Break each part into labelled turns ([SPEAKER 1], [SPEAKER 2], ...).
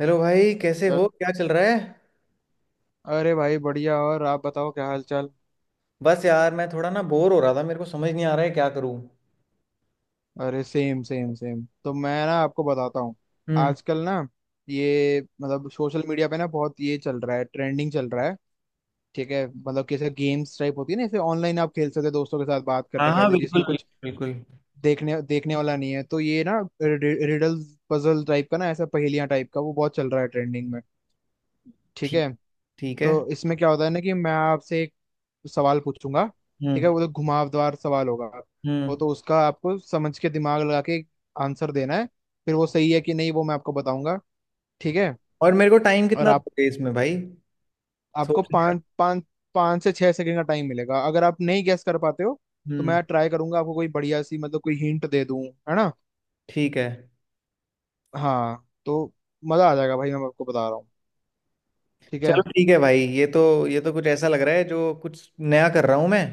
[SPEAKER 1] Hello भाई, कैसे
[SPEAKER 2] अ-
[SPEAKER 1] हो? क्या चल रहा है?
[SPEAKER 2] अरे भाई बढ़िया। और आप बताओ, क्या हाल चाल?
[SPEAKER 1] बस यार, मैं थोड़ा ना बोर हो रहा था। मेरे को समझ नहीं आ रहा है क्या करूं।
[SPEAKER 2] अरे सेम सेम सेम तो मैं ना आपको बताता हूँ।
[SPEAKER 1] हम्म।
[SPEAKER 2] आजकल ना ये मतलब सोशल मीडिया पे ना बहुत ये चल रहा है, ट्रेंडिंग चल रहा है। ठीक है, मतलब कैसे गेम्स टाइप होती है ना, जैसे ऑनलाइन आप खेल सकते हैं दोस्तों के साथ बात
[SPEAKER 1] हाँ
[SPEAKER 2] करते
[SPEAKER 1] हाँ,
[SPEAKER 2] करते,
[SPEAKER 1] बिल्कुल
[SPEAKER 2] जिसमें
[SPEAKER 1] बिल्कुल।
[SPEAKER 2] कुछ
[SPEAKER 1] बिल्कुल।
[SPEAKER 2] देखने देखने वाला नहीं है, तो ये ना रिडल्स पजल टाइप का ना, ऐसा पहेलियां टाइप का, वो बहुत चल रहा है ट्रेंडिंग में। ठीक
[SPEAKER 1] ठीक।
[SPEAKER 2] है।
[SPEAKER 1] ठीक
[SPEAKER 2] तो
[SPEAKER 1] है।
[SPEAKER 2] इसमें क्या होता है ना, कि मैं आपसे सवाल पूछूंगा। ठीक है,
[SPEAKER 1] हम्म।
[SPEAKER 2] वो तो घुमावदार सवाल होगा। वो
[SPEAKER 1] हम्म।
[SPEAKER 2] तो उसका आपको समझ के, दिमाग लगा के आंसर देना है। फिर वो सही है कि नहीं, वो मैं आपको बताऊंगा, ठीक है?
[SPEAKER 1] और मेरे को टाइम
[SPEAKER 2] और
[SPEAKER 1] कितना
[SPEAKER 2] आप
[SPEAKER 1] दोगे इसमें भाई?
[SPEAKER 2] आपको
[SPEAKER 1] सोचने का।
[SPEAKER 2] पाँच पाँच पाँच से छह सेकंड का टाइम मिलेगा। अगर आप नहीं गैस कर पाते हो तो
[SPEAKER 1] हम्म।
[SPEAKER 2] मैं ट्राई करूंगा आपको कोई बढ़िया सी, मतलब कोई हिंट दे दूं, है ना।
[SPEAKER 1] ठीक है।
[SPEAKER 2] हाँ तो मजा आ जाएगा भाई, मैं आपको बता रहा हूँ। ठीक है।
[SPEAKER 1] चलो ठीक है भाई, ये तो कुछ ऐसा लग रहा है जो कुछ नया कर रहा हूं मैं।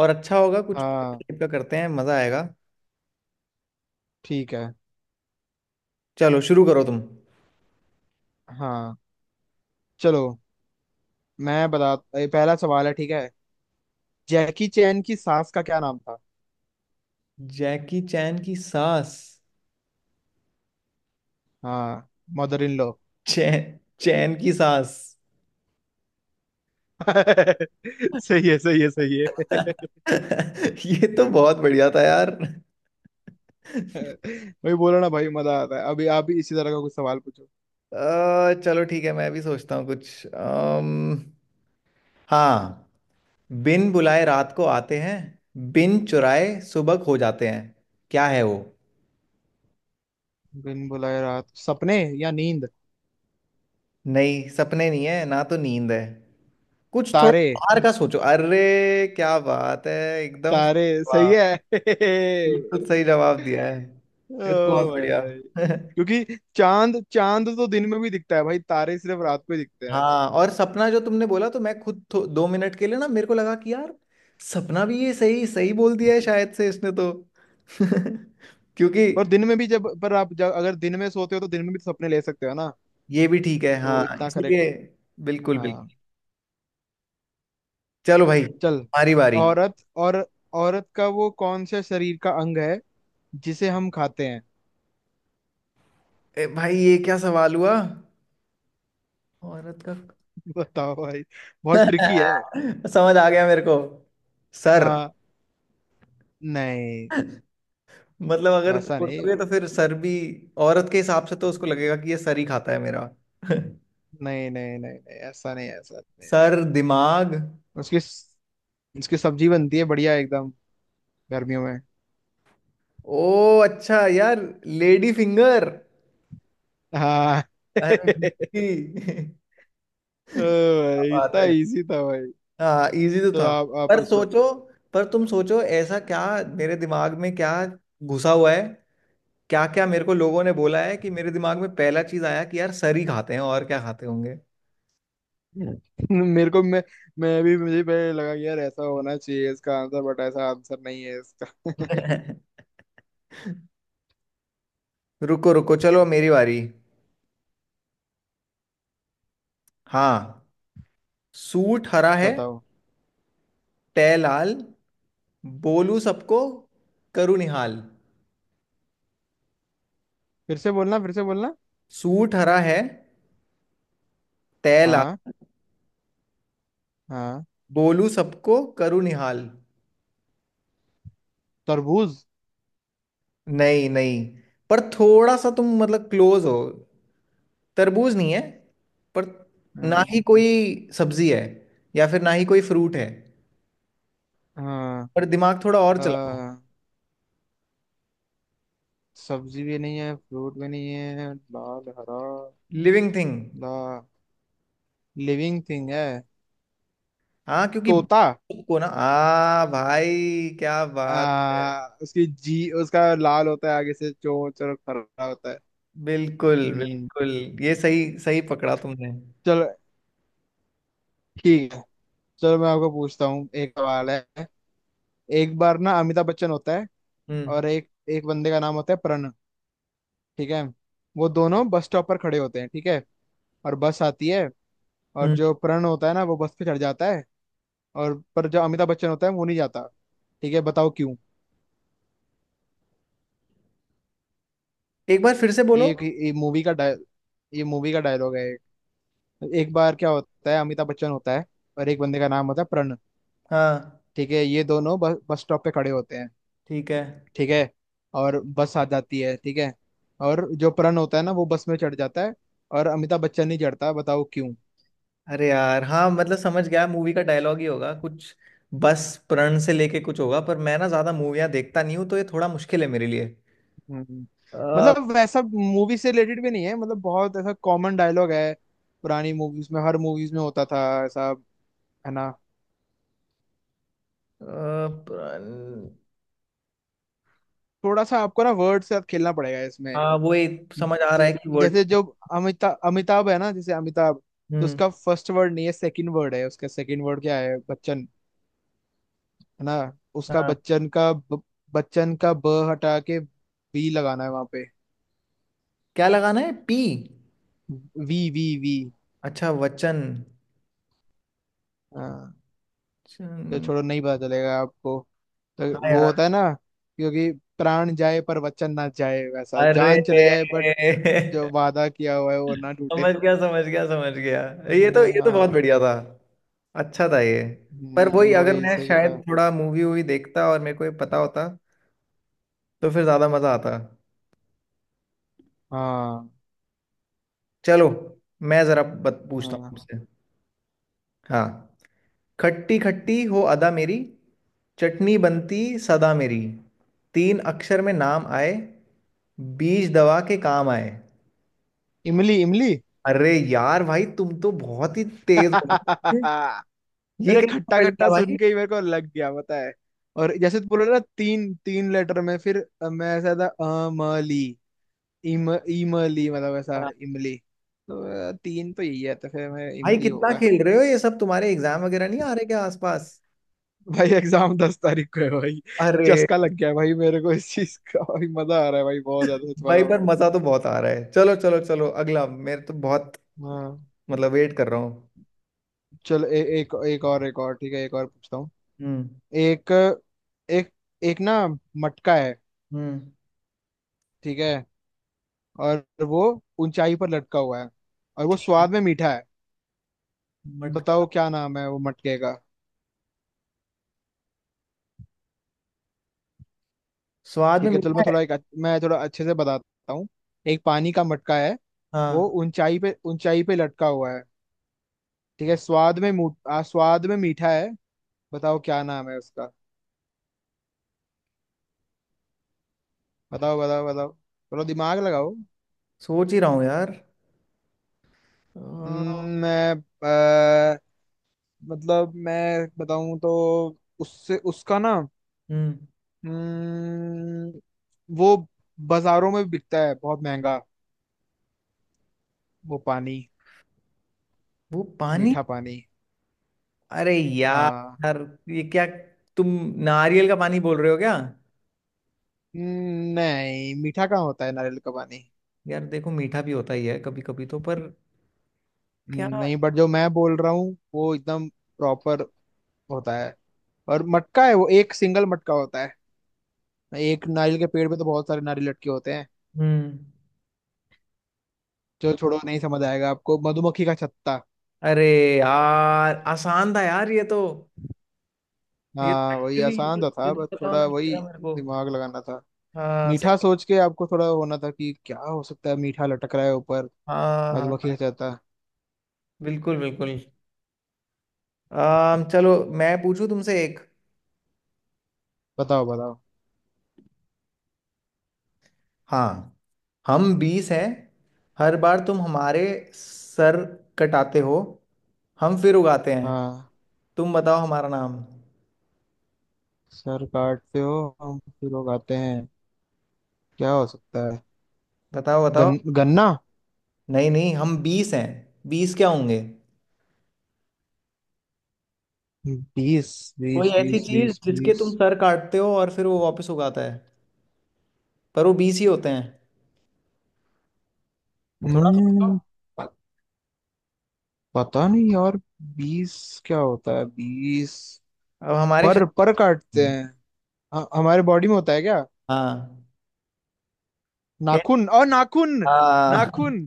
[SPEAKER 1] और अच्छा होगा, कुछ
[SPEAKER 2] हाँ।
[SPEAKER 1] टाइप का करते हैं, मजा आएगा।
[SPEAKER 2] ठीक है।
[SPEAKER 1] चलो शुरू करो तुम।
[SPEAKER 2] हाँ चलो। मैं बता ये पहला सवाल है, ठीक है। जैकी चैन की सास का क्या नाम था?
[SPEAKER 1] जैकी चैन की सास।
[SPEAKER 2] हाँ, मदर इन लॉ।
[SPEAKER 1] चैन। चैन की सास।
[SPEAKER 2] सही है सही है सही है
[SPEAKER 1] ये तो बहुत बढ़िया था यार।
[SPEAKER 2] वही बोला ना भाई, मजा आता है। अभी आप भी इसी तरह का कुछ सवाल पूछो।
[SPEAKER 1] चलो ठीक है, मैं भी सोचता हूँ कुछ। हाँ। बिन बुलाए रात को आते हैं, बिन चुराए सुबह खो जाते हैं। क्या है वो?
[SPEAKER 2] दिन बुलाए रात सपने, या नींद।
[SPEAKER 1] नहीं, सपने नहीं है, ना तो नींद है। कुछ थोड़ा
[SPEAKER 2] तारे।
[SPEAKER 1] बाहर का सोचो अरे। क्या बात है, एकदम
[SPEAKER 2] तारे
[SPEAKER 1] सही
[SPEAKER 2] सही
[SPEAKER 1] जवाब।
[SPEAKER 2] है
[SPEAKER 1] बिल्कुल सही जवाब दिया है।
[SPEAKER 2] ओ
[SPEAKER 1] ये तो बहुत बढ़िया।
[SPEAKER 2] भाई। क्योंकि चांद चांद तो दिन में भी दिखता है भाई, तारे सिर्फ रात को ही दिखते हैं।
[SPEAKER 1] हाँ, और सपना जो तुमने बोला तो मैं खुद 2 मिनट के लिए ना मेरे को लगा कि यार सपना भी ये सही सही बोल दिया है शायद से इसने तो। क्योंकि
[SPEAKER 2] पर दिन में भी, जब पर आप जब अगर दिन में सोते हो तो दिन में भी तो सपने ले सकते हो ना,
[SPEAKER 1] ये भी ठीक है,
[SPEAKER 2] तो वो
[SPEAKER 1] हाँ
[SPEAKER 2] इतना करेक्ट।
[SPEAKER 1] इसीलिए। बिल्कुल बिल्कुल।
[SPEAKER 2] हाँ
[SPEAKER 1] चलो भाई
[SPEAKER 2] चल।
[SPEAKER 1] हमारी बारी।
[SPEAKER 2] औरत, और औरत का वो कौन सा शरीर का अंग है जिसे हम खाते हैं?
[SPEAKER 1] ए भाई ये क्या सवाल हुआ? औरत का?
[SPEAKER 2] बताओ भाई, बहुत ट्रिकी है।
[SPEAKER 1] समझ आ गया मेरे को। सर।
[SPEAKER 2] हाँ। नहीं,
[SPEAKER 1] मतलब अगर
[SPEAKER 2] वैसा नहीं।
[SPEAKER 1] सोचोगे तो फिर सर भी औरत के हिसाब से, तो उसको लगेगा कि ये सर ही खाता है मेरा।
[SPEAKER 2] नहीं, नहीं। नहीं नहीं, ऐसा नहीं, ऐसा नहीं।
[SPEAKER 1] सर, दिमाग।
[SPEAKER 2] उसकी उसकी सब्जी बनती है बढ़िया एकदम गर्मियों में।
[SPEAKER 1] ओ अच्छा यार, लेडी फिंगर।
[SPEAKER 2] हाँ
[SPEAKER 1] अरे जी।
[SPEAKER 2] ओ
[SPEAKER 1] क्या
[SPEAKER 2] भाई
[SPEAKER 1] बात
[SPEAKER 2] इतना
[SPEAKER 1] है।
[SPEAKER 2] इजी था भाई।
[SPEAKER 1] हाँ, इजी तो
[SPEAKER 2] चलो
[SPEAKER 1] था।
[SPEAKER 2] आप
[SPEAKER 1] पर
[SPEAKER 2] पूछो।
[SPEAKER 1] सोचो। पर तुम सोचो ऐसा क्या मेरे दिमाग में क्या घुसा हुआ है। क्या क्या मेरे को लोगों ने बोला है कि मेरे दिमाग में पहला चीज आया कि यार सर ही खाते हैं, और क्या खाते होंगे।
[SPEAKER 2] मेरे को मैं भी, मुझे पहले लगा कि यार ऐसा होना चाहिए इसका आंसर, बट ऐसा आंसर नहीं है इसका
[SPEAKER 1] रुको रुको, चलो मेरी बारी। हाँ। सूट हरा है,
[SPEAKER 2] बताओ।
[SPEAKER 1] टै लाल, बोलू सबको, करू निहाल।
[SPEAKER 2] फिर से बोलना।
[SPEAKER 1] सूट हरा है, तय लाल,
[SPEAKER 2] हाँ। हाँ।
[SPEAKER 1] बोलू सबको करूँ निहाल।
[SPEAKER 2] तरबूज।
[SPEAKER 1] नहीं नहीं, पर थोड़ा सा तुम मतलब क्लोज हो। तरबूज नहीं है, पर ना ही
[SPEAKER 2] हाँ।
[SPEAKER 1] कोई सब्जी है, या फिर ना ही कोई फ्रूट है।
[SPEAKER 2] हाँ।
[SPEAKER 1] पर दिमाग थोड़ा और चलाओ।
[SPEAKER 2] आ, सब्जी भी नहीं है, फ्रूट भी नहीं है, लाल हरा।
[SPEAKER 1] Living thing.
[SPEAKER 2] ला लिविंग थिंग है।
[SPEAKER 1] हाँ, क्योंकि
[SPEAKER 2] तोता।
[SPEAKER 1] को ना आ भाई, क्या बात है।
[SPEAKER 2] आ, उसकी जी उसका लाल होता है आगे से चोंच और हरा होता है।
[SPEAKER 1] बिल्कुल
[SPEAKER 2] हम्म।
[SPEAKER 1] बिल्कुल। ये सही सही पकड़ा तुमने।
[SPEAKER 2] चलो ठीक है। चलो मैं आपको पूछता हूँ, एक सवाल है। एक बार ना अमिताभ बच्चन होता है,
[SPEAKER 1] हम्म।
[SPEAKER 2] और एक एक बंदे का नाम होता है प्रण, ठीक है। वो दोनों बस स्टॉप पर खड़े होते हैं, ठीक है। और बस आती है, और
[SPEAKER 1] हम्म।
[SPEAKER 2] जो प्रण होता है ना वो बस पे चढ़ जाता है, और पर जो अमिताभ बच्चन होता है वो नहीं जाता। ठीक है, बताओ क्यों।
[SPEAKER 1] एक बार फिर से बोलो।
[SPEAKER 2] ये एक ये मूवी का डाय ये मूवी का डायलॉग है। एक एक बार क्या होता है, अमिताभ बच्चन होता है, और एक बंदे का नाम होता है प्रण।
[SPEAKER 1] हाँ।
[SPEAKER 2] ठीक है, ये दोनों बस बस स्टॉप पे खड़े होते हैं,
[SPEAKER 1] ठीक है।
[SPEAKER 2] ठीक है। और बस आ जाती है, ठीक है। और जो प्रण होता है ना वो बस में चढ़ जाता है, और अमिताभ बच्चन नहीं चढ़ता। बताओ क्यों।
[SPEAKER 1] अरे यार हाँ, मतलब समझ गया मूवी का डायलॉग ही होगा कुछ। बस प्रण से लेके कुछ होगा, पर मैं ना ज्यादा मूवियाँ देखता नहीं हूँ, तो ये थोड़ा मुश्किल है मेरे लिए।
[SPEAKER 2] हम्म।
[SPEAKER 1] अ, अ,
[SPEAKER 2] मतलब वैसा मूवी से रिलेटेड भी नहीं है, मतलब बहुत ऐसा कॉमन डायलॉग है, पुरानी मूवीज में, हर मूवीज में होता था ऐसा, है ना।
[SPEAKER 1] प्रण।
[SPEAKER 2] थोड़ा सा आपको ना वर्ड से खेलना पड़ेगा इसमें।
[SPEAKER 1] हाँ, वो एक समझ आ रहा है
[SPEAKER 2] जे-
[SPEAKER 1] कि वर्ड।
[SPEAKER 2] जैसे जो अमिताभ अमिताभ है ना, जैसे अमिताभ, तो
[SPEAKER 1] हम्म।
[SPEAKER 2] उसका फर्स्ट वर्ड नहीं है, सेकंड वर्ड है, उसका सेकंड वर्ड क्या है? बच्चन, है ना। उसका
[SPEAKER 1] हाँ,
[SPEAKER 2] बच्चन का ब हटा के वी लगाना है वहां पे।
[SPEAKER 1] क्या लगाना है, पी?
[SPEAKER 2] V V V.
[SPEAKER 1] अच्छा, वचन।
[SPEAKER 2] हाँ। तो
[SPEAKER 1] चन-।
[SPEAKER 2] छोड़ो, नहीं पता चलेगा आपको,
[SPEAKER 1] हाँ
[SPEAKER 2] तो वो
[SPEAKER 1] यार।
[SPEAKER 2] होता है ना, क्योंकि प्राण जाए पर वचन ना जाए, वैसा
[SPEAKER 1] अरे
[SPEAKER 2] जान चले जाए बट जो वादा किया हुआ है वो ना टूटे।
[SPEAKER 1] समझ गया समझ गया समझ गया। ये तो बहुत
[SPEAKER 2] हाँ।
[SPEAKER 1] बढ़िया था। अच्छा था ये। पर वही अगर
[SPEAKER 2] वही
[SPEAKER 1] मैं
[SPEAKER 2] सही था।
[SPEAKER 1] शायद थोड़ा मूवी वूवी देखता और मेरे को ये पता होता, तो फिर ज्यादा मजा आता।
[SPEAKER 2] हाँ।
[SPEAKER 1] चलो, मैं जरा बत पूछता
[SPEAKER 2] हाँ।
[SPEAKER 1] हूँ आपसे। हाँ। खट्टी खट्टी हो अदा मेरी, चटनी बनती सदा मेरी। तीन अक्षर में नाम आए, बीज दवा के काम आए।
[SPEAKER 2] इमली इमली।
[SPEAKER 1] अरे यार भाई, तुम तो बहुत ही तेज हो। ये
[SPEAKER 2] अरे
[SPEAKER 1] कैसे
[SPEAKER 2] खट्टा
[SPEAKER 1] पढ़
[SPEAKER 2] खट्टा
[SPEAKER 1] लिया भाई?
[SPEAKER 2] सुन के ही मेरे को लग गया, पता है। और जैसे तू बोला ना तीन तीन लेटर में, फिर अ, मैं ऐसा था अमली, इम इमली, मतलब ऐसा
[SPEAKER 1] हाँ।
[SPEAKER 2] इमली। तो अ, तीन तो यही है, तो फिर मैं
[SPEAKER 1] भाई
[SPEAKER 2] इमली
[SPEAKER 1] कितना
[SPEAKER 2] होगा।
[SPEAKER 1] खेल रहे हो, ये सब तुम्हारे एग्जाम वगैरह नहीं आ रहे क्या आसपास?
[SPEAKER 2] भाई एग्जाम दस तारीख को है भाई।
[SPEAKER 1] अरे।
[SPEAKER 2] चस्का लग गया है भाई मेरे को इस चीज का, भाई मजा आ रहा है भाई, बहुत ज्यादा सच बता
[SPEAKER 1] भाई
[SPEAKER 2] रहा
[SPEAKER 1] पर
[SPEAKER 2] हूँ।
[SPEAKER 1] मजा तो बहुत आ रहा है। चलो चलो चलो अगला, मेरे तो बहुत
[SPEAKER 2] हाँ
[SPEAKER 1] मतलब वेट कर रहा हूँ।
[SPEAKER 2] चल। एक एक और एक और, ठीक है, एक और पूछता हूँ।
[SPEAKER 1] हम्म।
[SPEAKER 2] एक एक एक ना मटका है,
[SPEAKER 1] हम्म।
[SPEAKER 2] ठीक है। और वो ऊंचाई पर लटका हुआ है, और वो स्वाद में मीठा है।
[SPEAKER 1] मटका।
[SPEAKER 2] बताओ क्या नाम है वो मटके का।
[SPEAKER 1] स्वाद में
[SPEAKER 2] ठीक है चलो, मैं
[SPEAKER 1] मीठा है?
[SPEAKER 2] थोड़ा मैं थोड़ा अच्छे से बताता हूँ। एक पानी का मटका है, वो
[SPEAKER 1] हाँ,
[SPEAKER 2] ऊंचाई पे लटका हुआ है, ठीक है। आ, स्वाद में मीठा है। बताओ क्या नाम है उसका? बताओ बताओ बताओ। थोड़ा दिमाग लगाओ।
[SPEAKER 1] सोच ही रहा हूँ यार। हम्म।
[SPEAKER 2] हम्म। मैं अ, मतलब मैं बताऊं तो उससे उसका ना। हम्म, वो बाजारों में बिकता है बहुत महंगा, वो पानी,
[SPEAKER 1] वो पानी।
[SPEAKER 2] मीठा पानी।
[SPEAKER 1] अरे यार।
[SPEAKER 2] हाँ।
[SPEAKER 1] यार, ये क्या, तुम नारियल का पानी बोल रहे हो क्या?
[SPEAKER 2] नहीं, मीठा कहाँ होता है नारियल का पानी।
[SPEAKER 1] यार देखो, मीठा भी होता ही है कभी कभी तो, पर। क्या।
[SPEAKER 2] नहीं, बट जो मैं बोल रहा हूँ वो एकदम प्रॉपर होता है, और मटका है, वो एक सिंगल मटका होता है। एक नारियल के पेड़ पे तो बहुत सारे नारियल लटके होते हैं।
[SPEAKER 1] हम्म।
[SPEAKER 2] जो छोड़ो, नहीं समझ आएगा आपको, मधुमक्खी का छत्ता।
[SPEAKER 1] अरे यार, आसान था यार ये तो। ये तो
[SPEAKER 2] हाँ वही,
[SPEAKER 1] एक्चुअली
[SPEAKER 2] आसान तो
[SPEAKER 1] ये
[SPEAKER 2] था,
[SPEAKER 1] तो
[SPEAKER 2] बस
[SPEAKER 1] पता
[SPEAKER 2] थोड़ा
[SPEAKER 1] होना
[SPEAKER 2] वही
[SPEAKER 1] चाहिए था मेरे को।
[SPEAKER 2] दिमाग लगाना था।
[SPEAKER 1] हाँ
[SPEAKER 2] मीठा
[SPEAKER 1] सही।
[SPEAKER 2] सोच के आपको थोड़ा होना था कि क्या हो सकता है मीठा लटक रहा है ऊपर,
[SPEAKER 1] हाँ हाँ
[SPEAKER 2] मधुमक्खी
[SPEAKER 1] हाँ,
[SPEAKER 2] का छत्ता।
[SPEAKER 1] बिल्कुल बिल्कुल। चलो, मैं पूछूं तुमसे एक।
[SPEAKER 2] बताओ बताओ।
[SPEAKER 1] हाँ। हम 20 हैं, हर बार तुम हमारे सर कटाते हो, हम फिर उगाते हैं।
[SPEAKER 2] हाँ।
[SPEAKER 1] तुम बताओ हमारा नाम।
[SPEAKER 2] सर काटते हो हम फिर उगाते हैं, क्या हो सकता है?
[SPEAKER 1] बताओ बताओ।
[SPEAKER 2] गन्ना।
[SPEAKER 1] नहीं नहीं, हम 20 हैं। 20 क्या होंगे?
[SPEAKER 2] बीस
[SPEAKER 1] कोई
[SPEAKER 2] बीस
[SPEAKER 1] ऐसी
[SPEAKER 2] बीस
[SPEAKER 1] चीज
[SPEAKER 2] बीस
[SPEAKER 1] जिसके
[SPEAKER 2] बीस।
[SPEAKER 1] तुम सर काटते हो और फिर वो वापस उगाता है, पर वो 20 ही होते हैं। थोड़ा सोचो।
[SPEAKER 2] हम्म, प- पता नहीं यार, बीस क्या होता है बीस?
[SPEAKER 1] अब हमारे
[SPEAKER 2] पर काटते
[SPEAKER 1] शरीर।
[SPEAKER 2] हैं? हमारे बॉडी में होता है क्या?
[SPEAKER 1] हाँ। क्या?
[SPEAKER 2] नाखून, और नाखून,
[SPEAKER 1] हाँ।
[SPEAKER 2] नाखून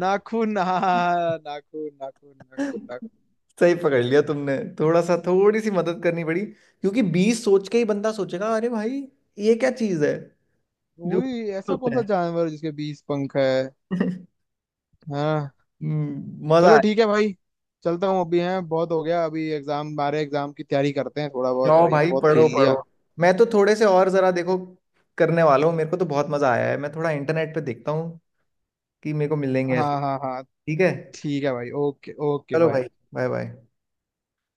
[SPEAKER 2] नाखून। हाँ, नाखून नाखून नाखून नाखून।
[SPEAKER 1] सही पकड़ लिया तुमने, थोड़ा सा थोड़ी सी मदद करनी पड़ी, क्योंकि 20 सोच के ही बंदा सोचेगा अरे भाई ये क्या चीज है जो
[SPEAKER 2] वही ऐसा कौन
[SPEAKER 1] होता है।
[SPEAKER 2] सा जानवर है जिसके बीस पंख है। हाँ।
[SPEAKER 1] मजा
[SPEAKER 2] चलो ठीक है
[SPEAKER 1] आया।
[SPEAKER 2] भाई, चलता हूँ अभी। हैं, बहुत हो गया अभी, एग्जाम हमारे, एग्जाम की तैयारी करते हैं थोड़ा बहुत
[SPEAKER 1] जाओ
[SPEAKER 2] भाई,
[SPEAKER 1] भाई
[SPEAKER 2] बहुत खेल
[SPEAKER 1] पढ़ो पढ़ो।
[SPEAKER 2] लिया।
[SPEAKER 1] मैं तो थोड़े से और जरा देखो करने वाला हूँ। मेरे को तो बहुत मजा आया है। मैं थोड़ा इंटरनेट पे देखता हूँ कि मेरे को मिलेंगे ऐसे।
[SPEAKER 2] हाँ हाँ हाँ।
[SPEAKER 1] ठीक है।
[SPEAKER 2] ठीक है भाई, ओके ओके
[SPEAKER 1] चलो भाई,
[SPEAKER 2] बाय।
[SPEAKER 1] Bye bye.